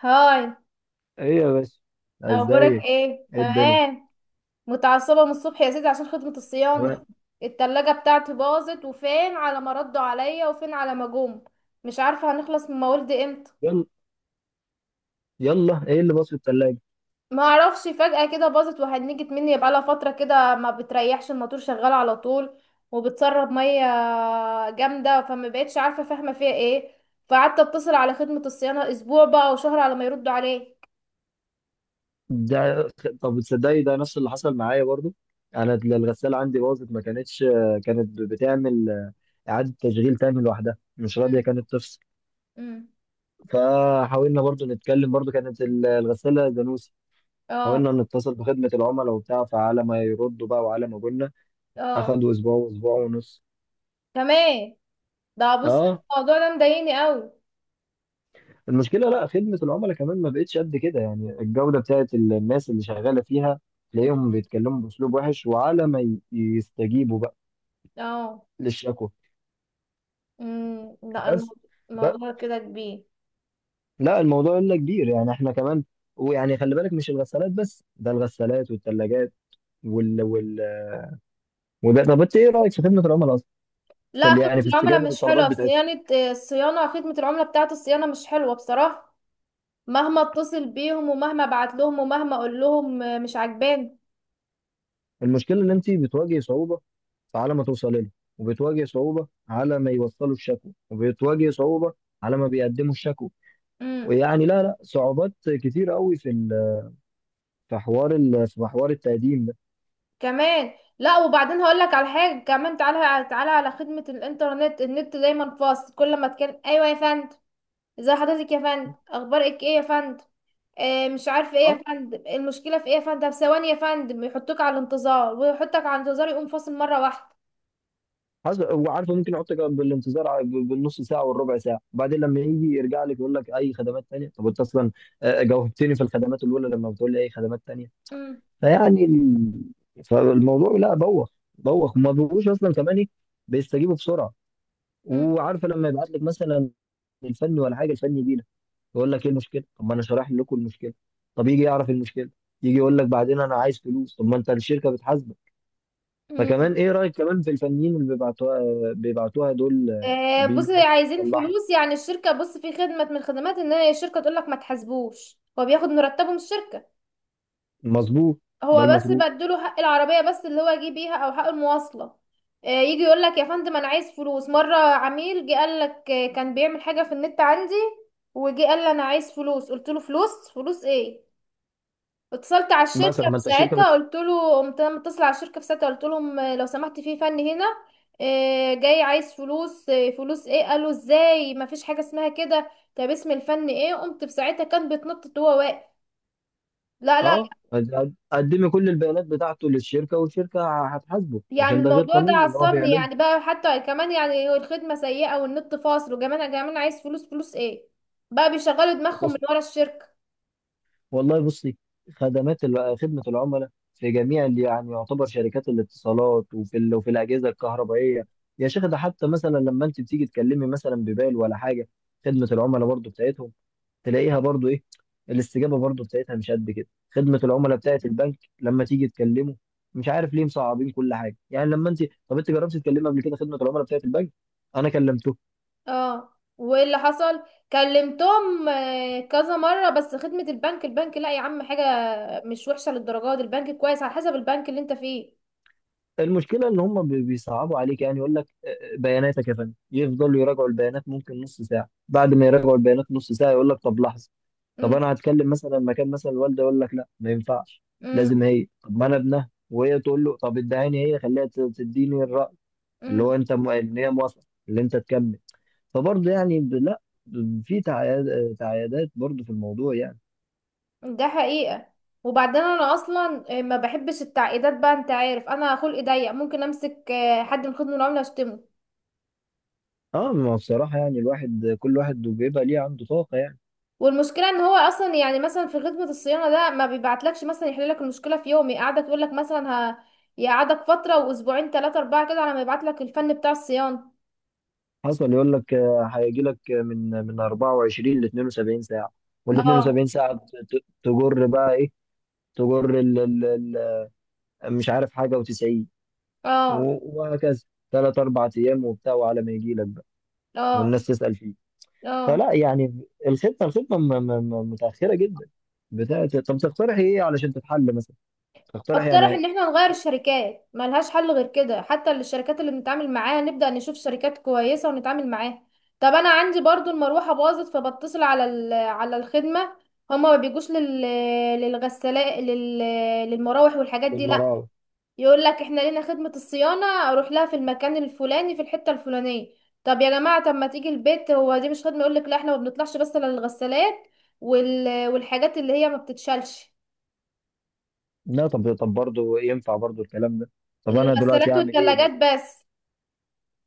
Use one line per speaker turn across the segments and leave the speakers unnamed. هاي.
ايه يا باشا،
اخبارك
ازيك؟
ايه؟
ايه الدنيا؟
تمام. متعصبه من الصبح يا سيدي عشان خدمه الصيانه.
تمام.
التلاجة بتاعتي باظت، وفين على ما ردوا عليا، وفين على ما جم. مش عارفه هنخلص من موالد امتى.
يلا يلا، ايه اللي باظ في التلاجة؟
ما اعرفش، فجاه كده باظت وهنجت مني، يبقى لها فتره كده ما بتريحش، الموتور شغال على طول وبتسرب ميه جامده، فما بقتش عارفه فاهمه فيها ايه. فقعدت اتصل على خدمه الصيانه، اسبوع بقى وشهر على ما يردوا عليه.
ده طب تصدقي، ده نفس اللي حصل معايا برضو. انا الغسالة عندي باظت، ما كانتش كانت بتعمل اعادة تشغيل تاني لوحدها، مش راضية
امم
كانت تفصل.
امم
فحاولنا برضو نتكلم، برضو كانت الغسالة دانوسي.
اه
حاولنا نتصل بخدمة العملاء وبتاع، فعلى ما يردوا بقى وعلى ما قلنا
اه،
اخدوا اسبوع واسبوع ونص.
تمام. ده بص،
اه.
الموضوع ده مضايقني قوي.
المشكله، لا خدمه العملاء كمان ما بقتش قد كده، يعني الجوده بتاعت الناس اللي شغاله فيها، تلاقيهم بيتكلموا باسلوب وحش، وعلى ما يستجيبوا بقى
اه.
للشكوى.
امم، لا،
بس ده،
الموضوع كده كبير.
لا الموضوع الا كبير، يعني احنا كمان. ويعني خلي بالك، مش الغسالات بس، ده الغسالات والثلاجات وال وال وده طب انت ايه رايك في خدمه العملاء اصلا، في
لا،
يعني
خدمة
في
العملاء
استجابه
مش
الطلبات
حلوة
بتاعتهم؟
صيانة. آه، الصيانة، خدمة العملاء بتاعة الصيانة مش حلوة بصراحة. مهما اتصل بيهم، ومهما ابعت لهم، ومهما اقول لهم، آه، مش عجباني.
المشكله ان انت بتواجهي صعوبه على ما توصل لنا، وبتواجه صعوبة على ما يوصلوا الشكوى، وبتواجه صعوبة على ما بيقدموا الشكوى.
امم.
ويعني، لا صعوبات كتيرة قوي في ال- في حوار ال- في حوار التقديم ده.
كمان لا، وبعدين هقول لك على حاجة كمان. تعالى تعالى على خدمة الانترنت، النت دايما فاصل. كل ما تكلم: ايوه يا فندم، ازي حضرتك يا فندم، اخبارك ايه يا فندم. آه، مش عارفه ايه يا
اه،
فندم، المشكله في ايه يا فندم، طب ثواني يا فندم. يحطوك على الانتظار ويحطك على الانتظار، يقوم فاصل مره واحده.
حسب، وعارفه ممكن يحطك بالانتظار، بالنص ساعه والربع ساعه. وبعدين لما يجي يرجع لك يقول لك: اي خدمات تانية؟ طب انت اصلا جاوبتني في الخدمات الاولى، لما بتقول لي اي خدمات تانية؟
مم.
فيعني فالموضوع، لا بوخ بوخ، وما بيبقوش اصلا كمان ايه بيستجيبوا بسرعه.
مم.
وعارفه لما يبعت لك مثلا الفني ولا حاجه، الفني يجي يقول لك: ايه المشكله؟ طب ما انا شارح لكم المشكله. طب يجي يعرف المشكله، يجي يقول لك بعدين: انا عايز فلوس. طب ما انت الشركه بتحاسبك.
مم.
فكمان، ايه رايك كمان في الفنيين اللي بيبعتوها دول؟
آه، بص،
وبيجوا مثلا
عايزين
يصلحوا.
فلوس. يعني الشركه، بص، في خدمه من الخدمات ان هي الشركه تقول لك ما تحاسبوش، هو بياخد مرتبه من الشركه.
مظبوط، ده
هو بس
المفروض.
بديله حق العربيه بس، اللي هو يجي بيها، او حق المواصله. آه، يجي يقول لك يا فندم انا عايز فلوس. مره عميل جه قال لك آه، كان بيعمل حاجه في النت عندي، وجي قال لي انا عايز فلوس. قلت له: فلوس؟ فلوس ايه؟ اتصلت على
مثلا،
الشركه في
ما انت الشركه
ساعتها، قلت له، قمت انا متصله على الشركه في ساعتها، قلت لهم آه، لو سمحت، في فن هنا آه، جاي عايز فلوس. آه، فلوس ايه؟ قالوا ازاي، ما فيش حاجه اسمها كده. طب اسم الفن ايه؟ قمت في ساعتها كان بيتنطط وهو واقف. لا، لا.
قدمي كل البيانات بتاعته للشركه، والشركه هتحاسبه،
يعني
عشان ده غير
الموضوع ده
قانوني اللي هو
عصبني،
بيعمله.
يعني بقى حتى كمان، يعني هو الخدمه سيئه والنت فاصل، وكمان كمان عايز فلوس. فلوس ايه؟ بقى بيشغلوا دماغهم من ورا الشركه.
والله بصي، خدمات خدمة العملاء في جميع اللي يعني يعتبر شركات الاتصالات، وفي الأجهزة الكهربائية. يا شيخ، ده حتى مثلا لما أنت بتيجي تكلمي مثلا ببال ولا حاجة، خدمة العملاء برضو بتاعتهم تلاقيها برضو إيه، الاستجابة برضو بتاعتها مش قد كده. خدمة العملاء بتاعت البنك لما تيجي تكلمه، مش عارف ليه مصعبين كل حاجة يعني لما أنت... طب أنت جربت تكلمي قبل كده خدمة العملاء بتاعت البنك؟ أنا كلمته.
اه، وايه اللي حصل؟ كلمتهم آه، كذا مره، بس خدمه البنك، البنك لا يا عم حاجه، مش وحشه للدرجه دي، البنك كويس على حسب البنك اللي انت فيه.
المشكله ان هم بيصعبوا عليك، يعني يقول لك بياناتك يا فندم، يفضلوا يراجعوا البيانات ممكن نص ساعه، بعد ما يراجعوا البيانات نص ساعه يقول لك: طب لحظه. طب
امم.
انا هتكلم مثلا مكان مثلا الوالده، يقول لك: لا ما ينفعش،
امم.
لازم هي. طب ما انا ابنها، وهي تقول له طب ادعيني، هي خليها تديني الراي، اللي
امم.
هو انت ان هي موافقه اللي انت تكمل. فبرضه يعني لا، في تعيادات برضه في الموضوع يعني.
ده حقيقه. وبعدين انا اصلا آه، ما بحبش التعقيدات بقى، انت عارف انا خلقي ضيق، ممكن امسك آه، حد من خدمه العملاء اشتمه.
اه، ما هو بصراحه يعني الواحد، كل واحد بيبقى ليه عنده طاقه يعني.
والمشكله ان هو اصلا يعني مثلا في خدمه الصيانه ده، ما بيبعتلكش مثلا يحل لك المشكله في يوم، يقعدك، يقول لك مثلا يقعدك فتره، واسبوعين، ثلاثه اربعه كده على ما يبعت لك الفن بتاع الصيانه.
حصل يقول لك هيجي لك من 24 ل 72 ساعه. وال
اه.
72 ساعه تجر بقى ايه؟ تجر ال مش عارف حاجه، و90،
اه.
وهكذا، ثلاث اربع ايام وبتاع، وعلى ما يجي لك بقى،
اه.
والناس تسال فيه.
اه.
فلا يعني الخطه متاخره جدا بتاعت. طب تقترح ايه علشان تتحل مثلا، تقترح
اقترح ان
يعني؟
احنا نغير الشركات، ملهاش حل غير كده، حتى الشركات اللي بنتعامل معاها نبدأ نشوف شركات كويسة ونتعامل معاها. طب انا عندي برضو المروحة باظت، فبتصل على على الخدمة. هما ما بيجوش لل، للغسالة، لل، للمراوح والحاجات دي لا.
بالمرأة،
يقول لك: احنا لينا خدمة الصيانة، اروح لها في المكان الفلاني في الحتة الفلانية. طب يا جماعة، طب ما تيجي البيت، هو دي مش خدمة؟ يقول لك: لا احنا ما بنطلعش بس للغسالات والحاجات اللي هي ما بتتشالش.
لا طب برضه ينفع برضه الكلام ده. طب انا دلوقتي
الغسالات
اعمل ايه مثلا؟
والثلاجات بس.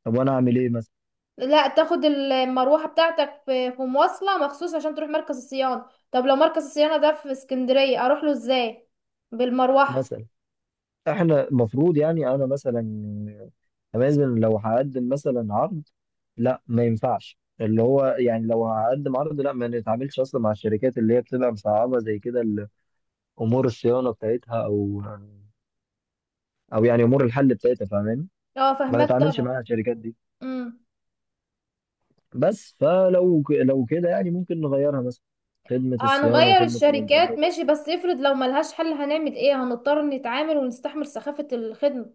طب وانا اعمل ايه مثلا؟
لا، تاخد المروحة بتاعتك في مواصلة مخصوص عشان تروح مركز الصيانة. طب لو مركز الصيانة ده في اسكندرية اروح له ازاي؟ بالمروحة؟
مثلا، احنا المفروض يعني، انا مثلا امازون لو هقدم مثلا عرض، لا ما ينفعش، اللي هو يعني لو هقدم عرض، لا ما نتعاملش اصلا مع الشركات اللي هي بتبقى مصعبه زي كده امور الصيانه بتاعتها، او يعني امور الحل بتاعتها، فاهماني؟
اه،
ما
فاهمك
نتعاملش
طبعا.
مع الشركات دي
مم.
بس. لو كده يعني ممكن نغيرها مثلا، خدمه الصيانه
هنغير
وخدمه
الشركات
الانترنت.
ماشي، بس افرض لو ملهاش حل هنعمل ايه؟ هنضطر نتعامل ونستحمل سخافة الخدمة.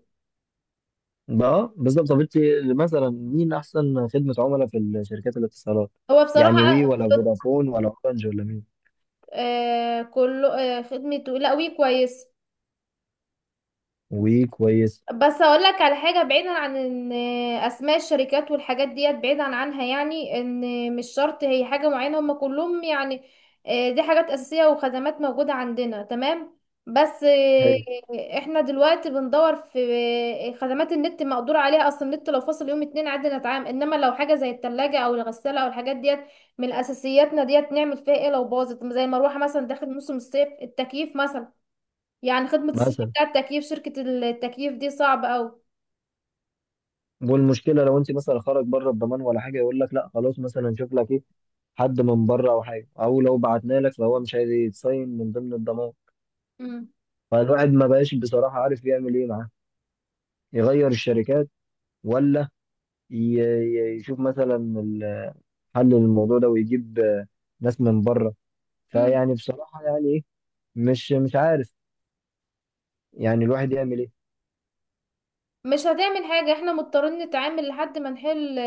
بقى بالظبط. طب انت مثلا، مين احسن خدمه عملاء في الشركات الاتصالات،
هو
يعني
بصراحة
وي ولا
خد...
فودافون ولا اورنج ولا مين؟
آه كله، آه خدمته، لا وي كويس.
وكويس.
بس اقول لك على حاجه، بعيدا عن ان اسماء الشركات والحاجات ديت، بعيدا عنها يعني، ان مش شرط هي حاجه معينه، هم كلهم يعني آه، دي حاجات اساسيه وخدمات موجوده عندنا، تمام. بس آه،
حلو.
احنا دلوقتي بندور في آه، خدمات النت مقدور عليها، اصل النت لو فاصل يوم اتنين عادي نتعامل، انما لو حاجه زي التلاجة او الغساله او الحاجات ديت من اساسياتنا، ديت نعمل فيها ايه لو باظت؟ زي المروحه مثلا داخل موسم الصيف، التكييف مثلا، يعني خدمة الصيانة
مثلا،
بتاع التكييف، شركة التكييف دي صعبة أوي.
والمشكله لو انت مثلا خرج بره الضمان ولا حاجه، يقول لك: لا خلاص مثلا نشوف لك ايه، حد من بره او حاجه، او لو بعتنا لك فهو مش عايز يتصين من ضمن الضمان.
امم.
فالواحد ما بقاش بصراحه عارف يعمل ايه معاه. يغير الشركات، ولا يشوف مثلا حل للموضوع ده، ويجيب ناس من بره.
مم.
فيعني بصراحه، يعني ايه؟ مش عارف يعني الواحد يعمل ايه.
مش هتعمل حاجة، احنا مضطرين نتعامل لحد ما نحل.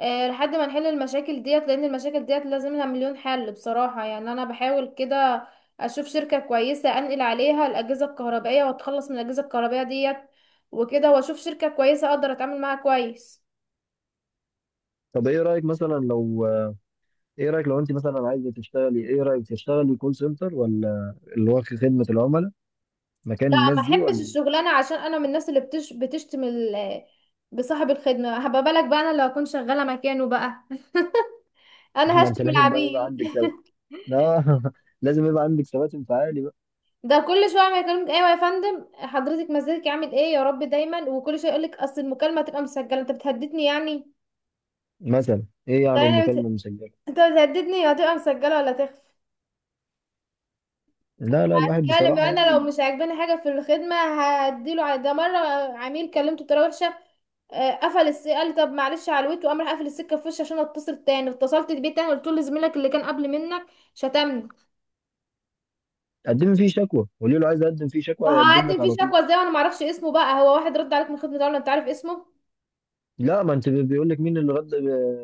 اه، لحد ما نحل المشاكل ديت، لأن المشاكل ديت لازم لها مليون حل. بصراحة يعني أنا بحاول كده أشوف شركة كويسة أنقل عليها الأجهزة الكهربائية وأتخلص من الأجهزة الكهربائية ديت، وكده وأشوف شركة كويسة أقدر أتعامل معاها كويس.
طب ايه رايك مثلا لو ايه رايك لو انت مثلا عايزه تشتغلي، ايه رايك تشتغلي كول سنتر، ولا اللي هو في خدمه العملاء مكان
لا،
الناس
ما
دي،
أحبش
ولا؟
الشغلانة، عشان أنا من الناس اللي بتشتم بصاحب الخدمة، هبقى بالك بقى أنا لو أكون شغالة مكانه بقى. انا
ما انت
هشتم
لازم بقى يبقى
العميل.
عندك ثبات. لا. لازم يبقى عندك ثبات انفعالي بقى.
ده كل شويه ما يكلمك: ايوه يا فندم، حضرتك مزاجك عامل ايه يا رب دايما، وكل شويه يقول لك: اصل المكالمه هتبقى مسجله. انت بتهددني يعني؟
مثلا ايه يعني
يعني
المكالمه المسجله؟
انت بتهددني، هتبقى مسجله ولا تخفى.
لا الواحد
كلم،
بصراحه
انا لو
يعني...
مش عاجباني حاجه في الخدمه هديله ده مره عميل كلمته بطريقه وحشه، آه، قفل قال لي طب معلش علويت، وقام راح قافل السكه في وشي. عشان اتصل تاني، اتصلت بيه تاني قلت له: لزميلك اللي كان قبل منك شتمني.
قدم فيه شكوى، قولي له عايز اقدم فيه شكوى، هيقدم
هقدم
لك
فيه
على طول.
شكوى ازاي وانا ما اعرفش اسمه؟ بقى هو واحد رد عليك من خدمه العملاء انت عارف اسمه؟
لا، ما انت بيقول لك مين اللي رد،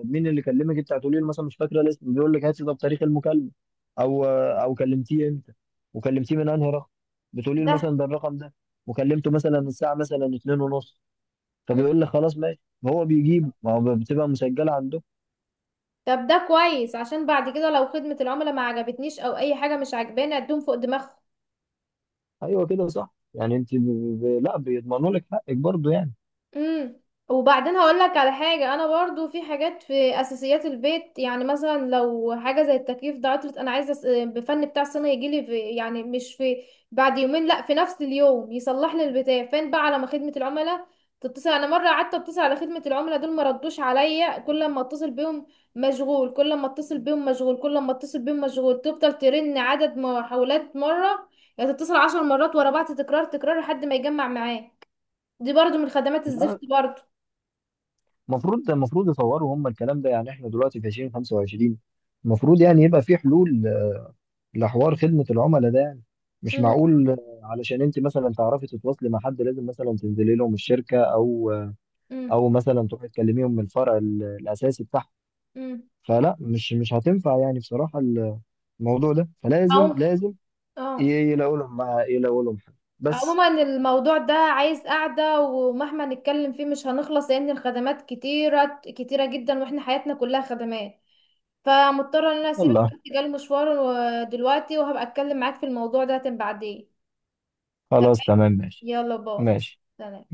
مين اللي كلمك. انت هتقولي له مثلا: مش فاكره الاسم. بيقول لك: هاتي ده بتاريخ المكالمه، او كلمتيه انت وكلمتيه من انهي رقم. بتقولي له
ده
مثلا: ده الرقم ده، وكلمته مثلا الساعه مثلا 2 ونص. فبيقول لك خلاص ماشي، هو بيجيبه، ما هو بتبقى مسجله عنده.
طب ده كويس، عشان بعد كده لو خدمة العملاء ما عجبتنيش او اي حاجة مش عجباني اديهم فوق دماغهم.
ايوه كده صح. يعني انت لا بيضمنوا لك حقك برضه يعني.
امم. وبعدين هقول لك على حاجه، انا برضو في حاجات في اساسيات البيت يعني، مثلا لو حاجه زي التكييف ده عطلت، انا عايزه بفن بتاع سنه يجي لي في، يعني مش في بعد يومين، لا في نفس اليوم يصلح لي البتاع. فين بقى على ما خدمه العملاء تتصل؟ انا مره قعدت اتصل على خدمه العملاء دول، ما ردوش عليا، كل ما اتصل بيهم مشغول، كل ما اتصل بيهم مشغول، كل ما اتصل بيهم مشغول. تفضل ترن عدد محاولات مره، يعني تتصل 10 مرات ورا بعض، تكرار تكرار لحد ما يجمع معاه. دي برضو من خدمات الزفت
لا،
برضو.
المفروض يطوروا هم الكلام ده، يعني احنا دلوقتي في 2025، المفروض يعني يبقى في حلول لحوار خدمة العملاء ده يعني، مش
امم.
معقول. علشان انت مثلا تعرفي تتواصلي مع حد، لازم مثلا تنزلي لهم الشركة، او
امم.
او مثلا تروحي تكلميهم من الفرع الاساسي بتاعهم.
امم.
فلا، مش هتنفع يعني بصراحة الموضوع ده.
او،
فلازم ي-
اه،
يلاقوا لهم حل بس.
عموما الموضوع ده عايز قعدة، ومهما نتكلم فيه مش هنخلص، لأن الخدمات كتيرة كتيرة جدا واحنا حياتنا كلها خدمات. فمضطرة ان انا اسيبك،
يلا،
بس جالي مشوار دلوقتي، وهبقى اتكلم معاك في الموضوع ده بعدين. تمام.
خلاص، تمام، ماشي
يلا، باي.
ماشي.
سلام.